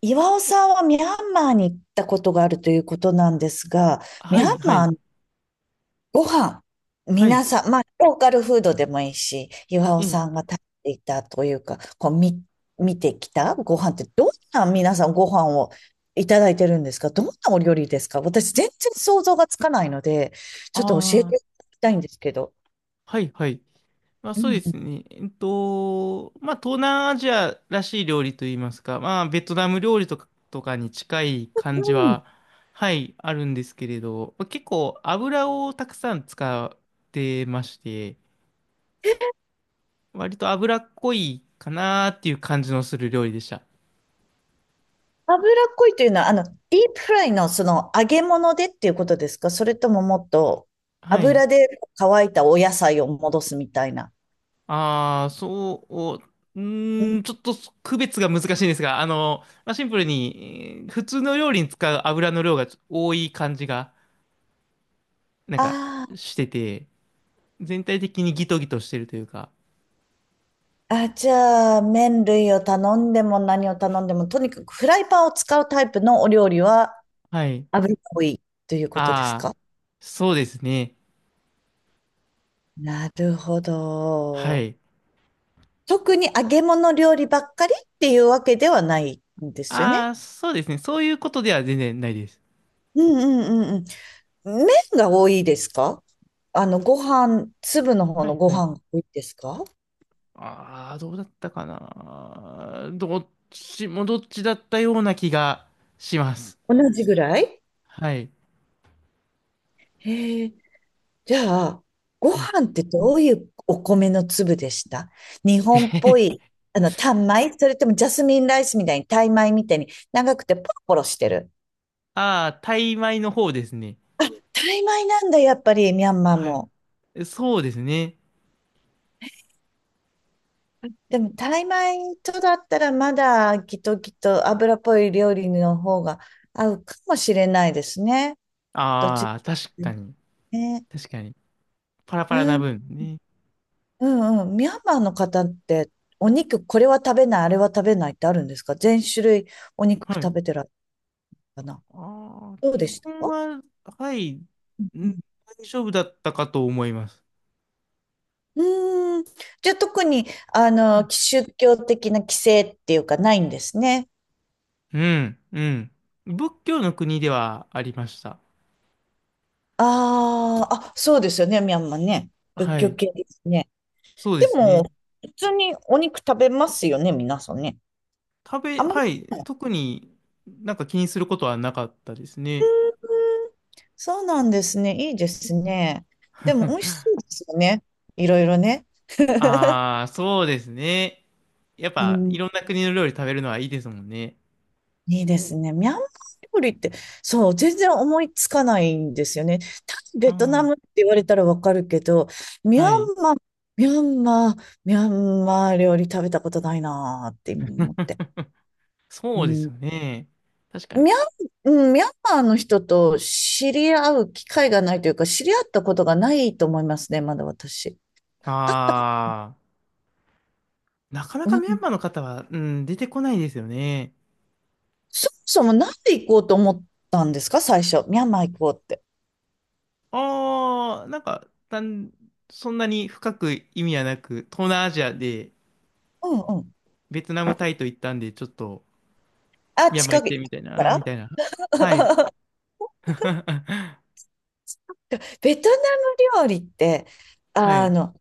岩尾さんはミャンマーに行ったことがあるということなんですが、ミはャンい、はマーい、のご飯、はい、皆さん、まあ、ローカルフードでもいいし、岩え尾さんえ、が食べていたというか、こう、見てきたご飯って、どんな皆さんご飯をいただいてるんですか？どんなお料理ですか？私、全然想像がつかないので、ちょっと教えああ、ていただきたいんですけど。はい、はい。まあそうでうすね。まあ東南アジアらしい料理といいますか、まあベトナム料理とかに近い感じは、ん。はい、あるんですけれど、まあ結構油をたくさん使ってまして、割と油っこいかなーっていう感じのする料理でした。脂っこいというのは、ディープフライのその揚げ物でっていうことですか？それとももっとはい。油で乾いたお野菜を戻すみたいな。ああ、そう、うーん、ちょっと区別が難しいんですが、まあ、シンプルに、普通の料理に使う油の量がちょ多い感じが、なんか、あしてて、全体的にギトギトしてるというか、あー、あ、じゃあ、麺類を頼んでも何を頼んでも、とにかくフライパンを使うタイプのお料理ははい。油っこいということですああ、か？そうですね。なるほはど。い。特に揚げ物料理ばっかりっていうわけではないんですよあね。あ、そうですね。そういうことでは全然ないです。うんうんうんうん。麺が多いですか？ご飯、粒の方はのいごはい。飯が多いですか？ああ、どうだったかな。どっちもどっちだったような気がします。同じぐらい？はい。へえ。じゃあ、ごはい。飯ってどういうお米の粒でした？日本っぽ い、タン米それともジャスミンライスみたいに、タイ米みたいに長くてポロポロしてる。ああ、タイ米の方ですね。タイ米なんだ、やっぱり、ミャンマーはい。も。えそうですね。でも、タイ米とだったらまだ、きっときっと油っぽい料理の方が合うかもしれないですね。どっちああ、確かに。ね。確かに。パラパラうなん、分ね。うんうん。ミャンマーの方って、お肉、これは食べない、あれは食べないってあるんですか？全種類お肉は食い。べてらっしゃるかな？ああ、どう基でした？本は、はい、んうん。大丈夫だったかと思います。うーん。じゃあ特に、宗教的な規制っていうかないんですね。うん、うん。仏教の国ではありました。ああ、あ、そうですよね、ミャンマーね。仏は教い。系ですね。そうでですね。も、普通にお肉食べますよね、皆さんね。食べ、あまり。はい。特になんか気にすることはなかったですね。そうなんですね。いいですね。でも美味し そうですよね。いろいろね。ああ、そうですね。やっうぱ、いん。ろんな国の料理食べるのはいいですもんね。いいですね。ミャンマー料理って、そう、全然思いつかないんですよね。タイうベトナん。ムって言われたらわかるけど、ミャはい。ンマー、ミャンマー、ミャンマー料理食べたことないなーって今思って。うそうですん、よね。確かに。ミャン、うんミャンマーの人と知り合う機会がないというか、知り合ったことがないと思いますね、まだ私。ああ、なかなうかんミャンマーの方は、うん、出てこないですよね。そもそもなんで行こうと思ったんですか？最初。ミャンマー行こうって。ああ、そんなに深く意味はなく、東南アジアでうんうん。ベトナム、タイと行ったんで、ちょっと、あ、ミャンマー近行っくてみたいかな、みら。 たいな。はい。ベトナム料理って、はあい。の、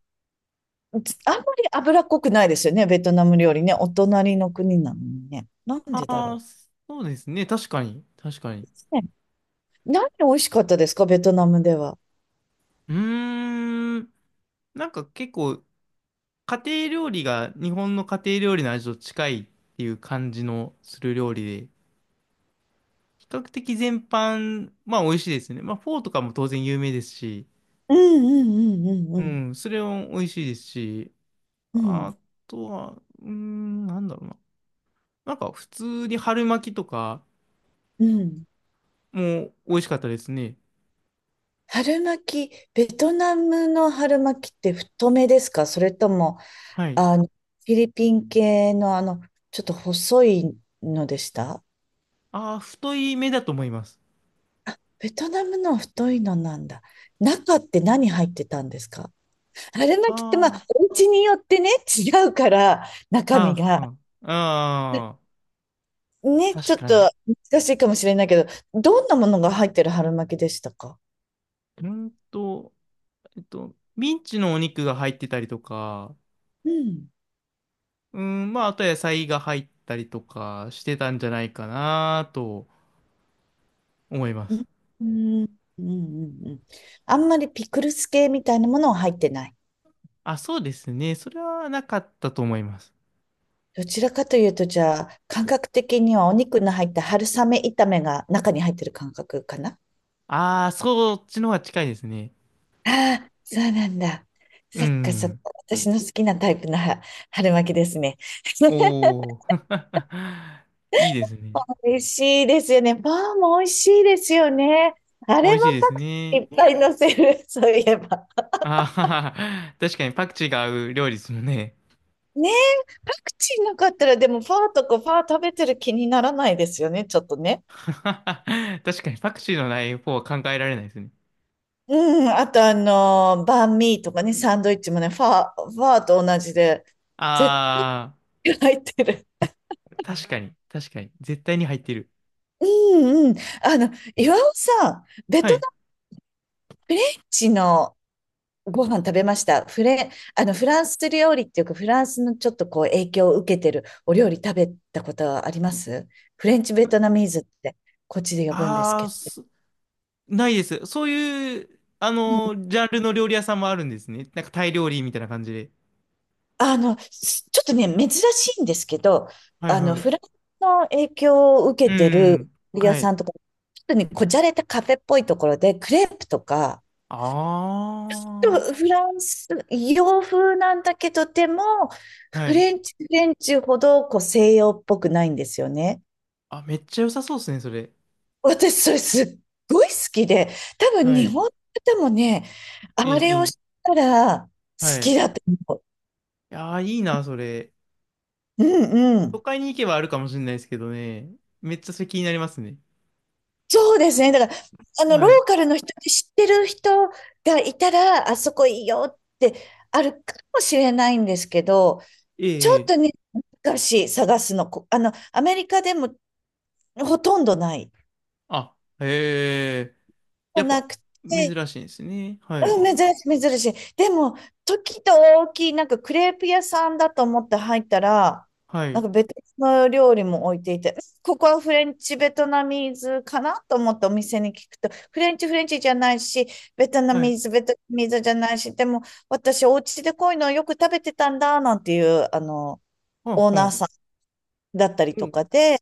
あんまり脂っこくないですよね。ベトナム料理ね。お隣の国なのにね。なんあでだあ、ろそうですね。確かに。確かに。う。ね、何美味しかったですか？ベトナムでは。うーん。なんか結構、家庭料理が日本の家庭料理の味と近いっていう感じのする料理で、比較的全般、まあ美味しいですね。まあフォーとかも当然有名ですし、うんうんうんうんううんん、それも美味しいですし、うん。あとは、うーん、なんだろうな。なんか普通に春巻きとかうん。も美味しかったですね。春巻き、ベトナムの春巻きって太めですか？それともはい。フィリピン系のちょっと細いのでした？ああ、太い目だと思います。ベトナムの太いのなんだ。中って何入ってたんですか？春巻きってまああ、あ、お家によってね、違うから、中身はが。あ、はあ。あね、あ、ち確ょっかに。と難しいかもしれないけど、どんなものが入ってる春巻きでしたか？うんと、ミンチのお肉が入ってたりとか、うん。うん、まあ、あと野菜が入ったりとかしてたんじゃないかなと思いまうん。す。うん。うん。うん。うんあんまりピクルス系みたいなものは入ってない。あ、そうですね。それはなかったと思います。どちらかというと、じゃあ、感覚的にはお肉の入った春雨炒めが中に入ってる感覚かな？ああ、そっちの方が近いですね。ああ、そうなんだ。うそっかそっか。ん。私の好きなタイプのは春巻きですね。おー。いいですね。美味しいですよね。パンも美味しいですよね。あ美れ味もしいパですクチーいね。っぱい乗せる、そういえば。あはは確かにパクチーが合う料理ですもんね。ねえ、パクチーなかったら、でもパーとかパー食べてる気にならないですよね、ちょっとね。確かにパクチーのない方は考えられないですね。うん、あとバンミーとかね、サンドイッチもね、ファーと同じで、絶あ対入ってる。あ、確かに、確かに。絶対に入ってる。うんうん。あの、岩尾さん、ベはトナい。ム人のご飯食べました。フレ、あの、フランス料理っていうか、フランスのちょっとこう影響を受けてるお料理食べたことはあります？フレンチベトナミーズって、こっちで呼ぶんですあけあ、ど。すないです。そういう、あの、ジャンルの料理屋さんもあるんですね。なんかタイ料理みたいな感じで。ちょっとね、珍しいんですけど、はいはフランい。スの影響を受うけてる料ん。理屋はい。さんとか、ちょっとね、こじゃれたカフェっぽいところで、クレープとか、ちょっあとフランス、洋風なんだけど、でも、あ。はフい。レンチ、フレンチほど、こう、西洋っぽくないんですよね。あ、めっちゃ良さそうですね、それ。私、それすっごい好きで、多分は日い。本の方もね、あいい、れいをい。したら好はい。いきだと思やー、いいな、それ。う。うんう都ん。会に行けばあるかもしれないですけどね。めっちゃそれ気になりますね。そうですね。だから、ロはーい。カルの人で知ってる人がいたら、あそこいいよってあるかもしれないんですけど、えちょえ、えっとえ。ね、難しい、探すの。こあの、アメリカでもほとんどない。あ、へえ。やっなぱ、くて、珍しいんですね。はい。うん、珍しい、珍しい。でも、時と大きい、なんかクレープ屋さんだと思って入ったら、はなんい。か別の料理も置いていて、ここはフレンチ、ベトナミーズかなと思ってお店に聞くと、フレンチ、フレンチじゃないし、ベトナはい。ミーズ、ベトナミーズじゃないし、でも私、お家でこういうのをよく食べてたんだ、なんていう、はんオーはナーん。さんだったりうとかで、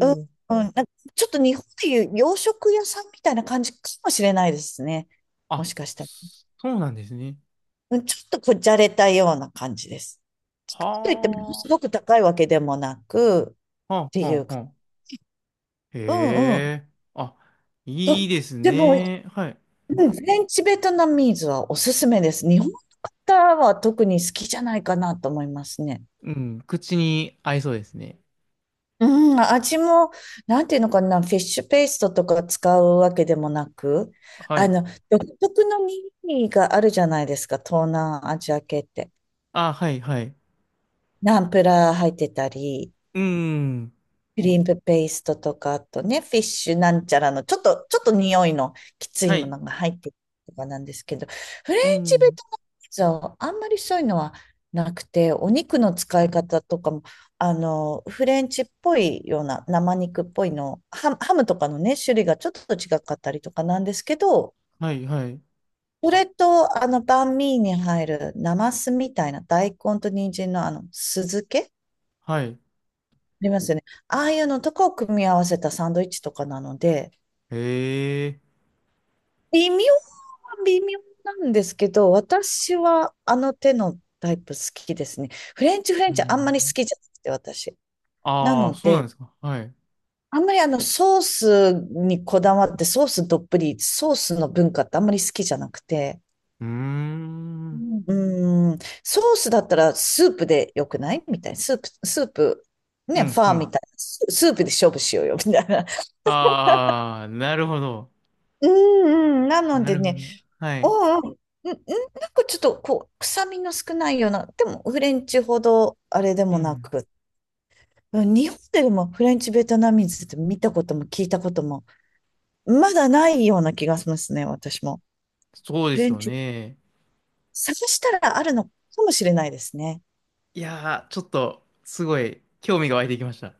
うん、うん、おーなんかちょっと日本でいう洋食屋さんみたいな感じかもしれないですね。もあ、しかしたら。そうなんですね。うんちょっとこじゃれたような感じです。といってもはすごく高いわけでもなくっあ、はてあ、はいうあ、か、はあ。うんうへん。え、あ、とっいいですても、うんね。はい。フレンチベトナミーズはおすすめです。日本の方は特に好きじゃないかなと思いますね。うん、口に合いそうですね。うん、味も、なんていうのかな、フィッシュペーストとか使うわけでもなく、はあい。の、独特のミニがあるじゃないですか、東南アジア系って。あ、はい、はい。ナンプラー入ってたり、うん、クリームペーストとか、あとね、フィッシュなんちゃらの、ちょっと匂いのきつはいもい。のが入ってるとかなんですけど、フレうンチベん、トナムピザはあんまりそういうのはなくて、お肉の使い方とかも、フレンチっぽいような、生肉っぽいの、ハムとかのね、種類がちょっと違かったりとかなんですけど、はい、はい、それと、バンミーに入る、ナマスみたいな大根と人参の酢漬けはい。ありますよね。ああいうのとかを組み合わせたサンドイッチとかなので、へえ、微妙は微妙なんですけど、私はあの手のタイプ好きですね。フレンチフレうンチあんまり好ん。きじゃなくて、私。なああ、のそうなんで、ですか。はい。うあんまりあのソースにこだわって、ソースどっぷり、ソースの文化ってあんまり好きじゃなくて、ーん、ううーん、ソースだったらスープでよくないみたいな。スープ、スープ、ね、フん、うァーみん。たいな。スープで勝負しようよ、みたいな。ああ、なるほど。うんうん。なのなでるほね、ど。はあい。あ、なんかちょっとこう、臭みの少ないような、でもフレンチほどあれでうもなん。く、うん日本でもフレンチベトナミーズって見たことも聞いたことも、まだないような気がしますね、私も。そうでフすレンよチ、ね。探したらあるのかもしれないですね。いやー、ちょっと、すごい、興味が湧いてきました。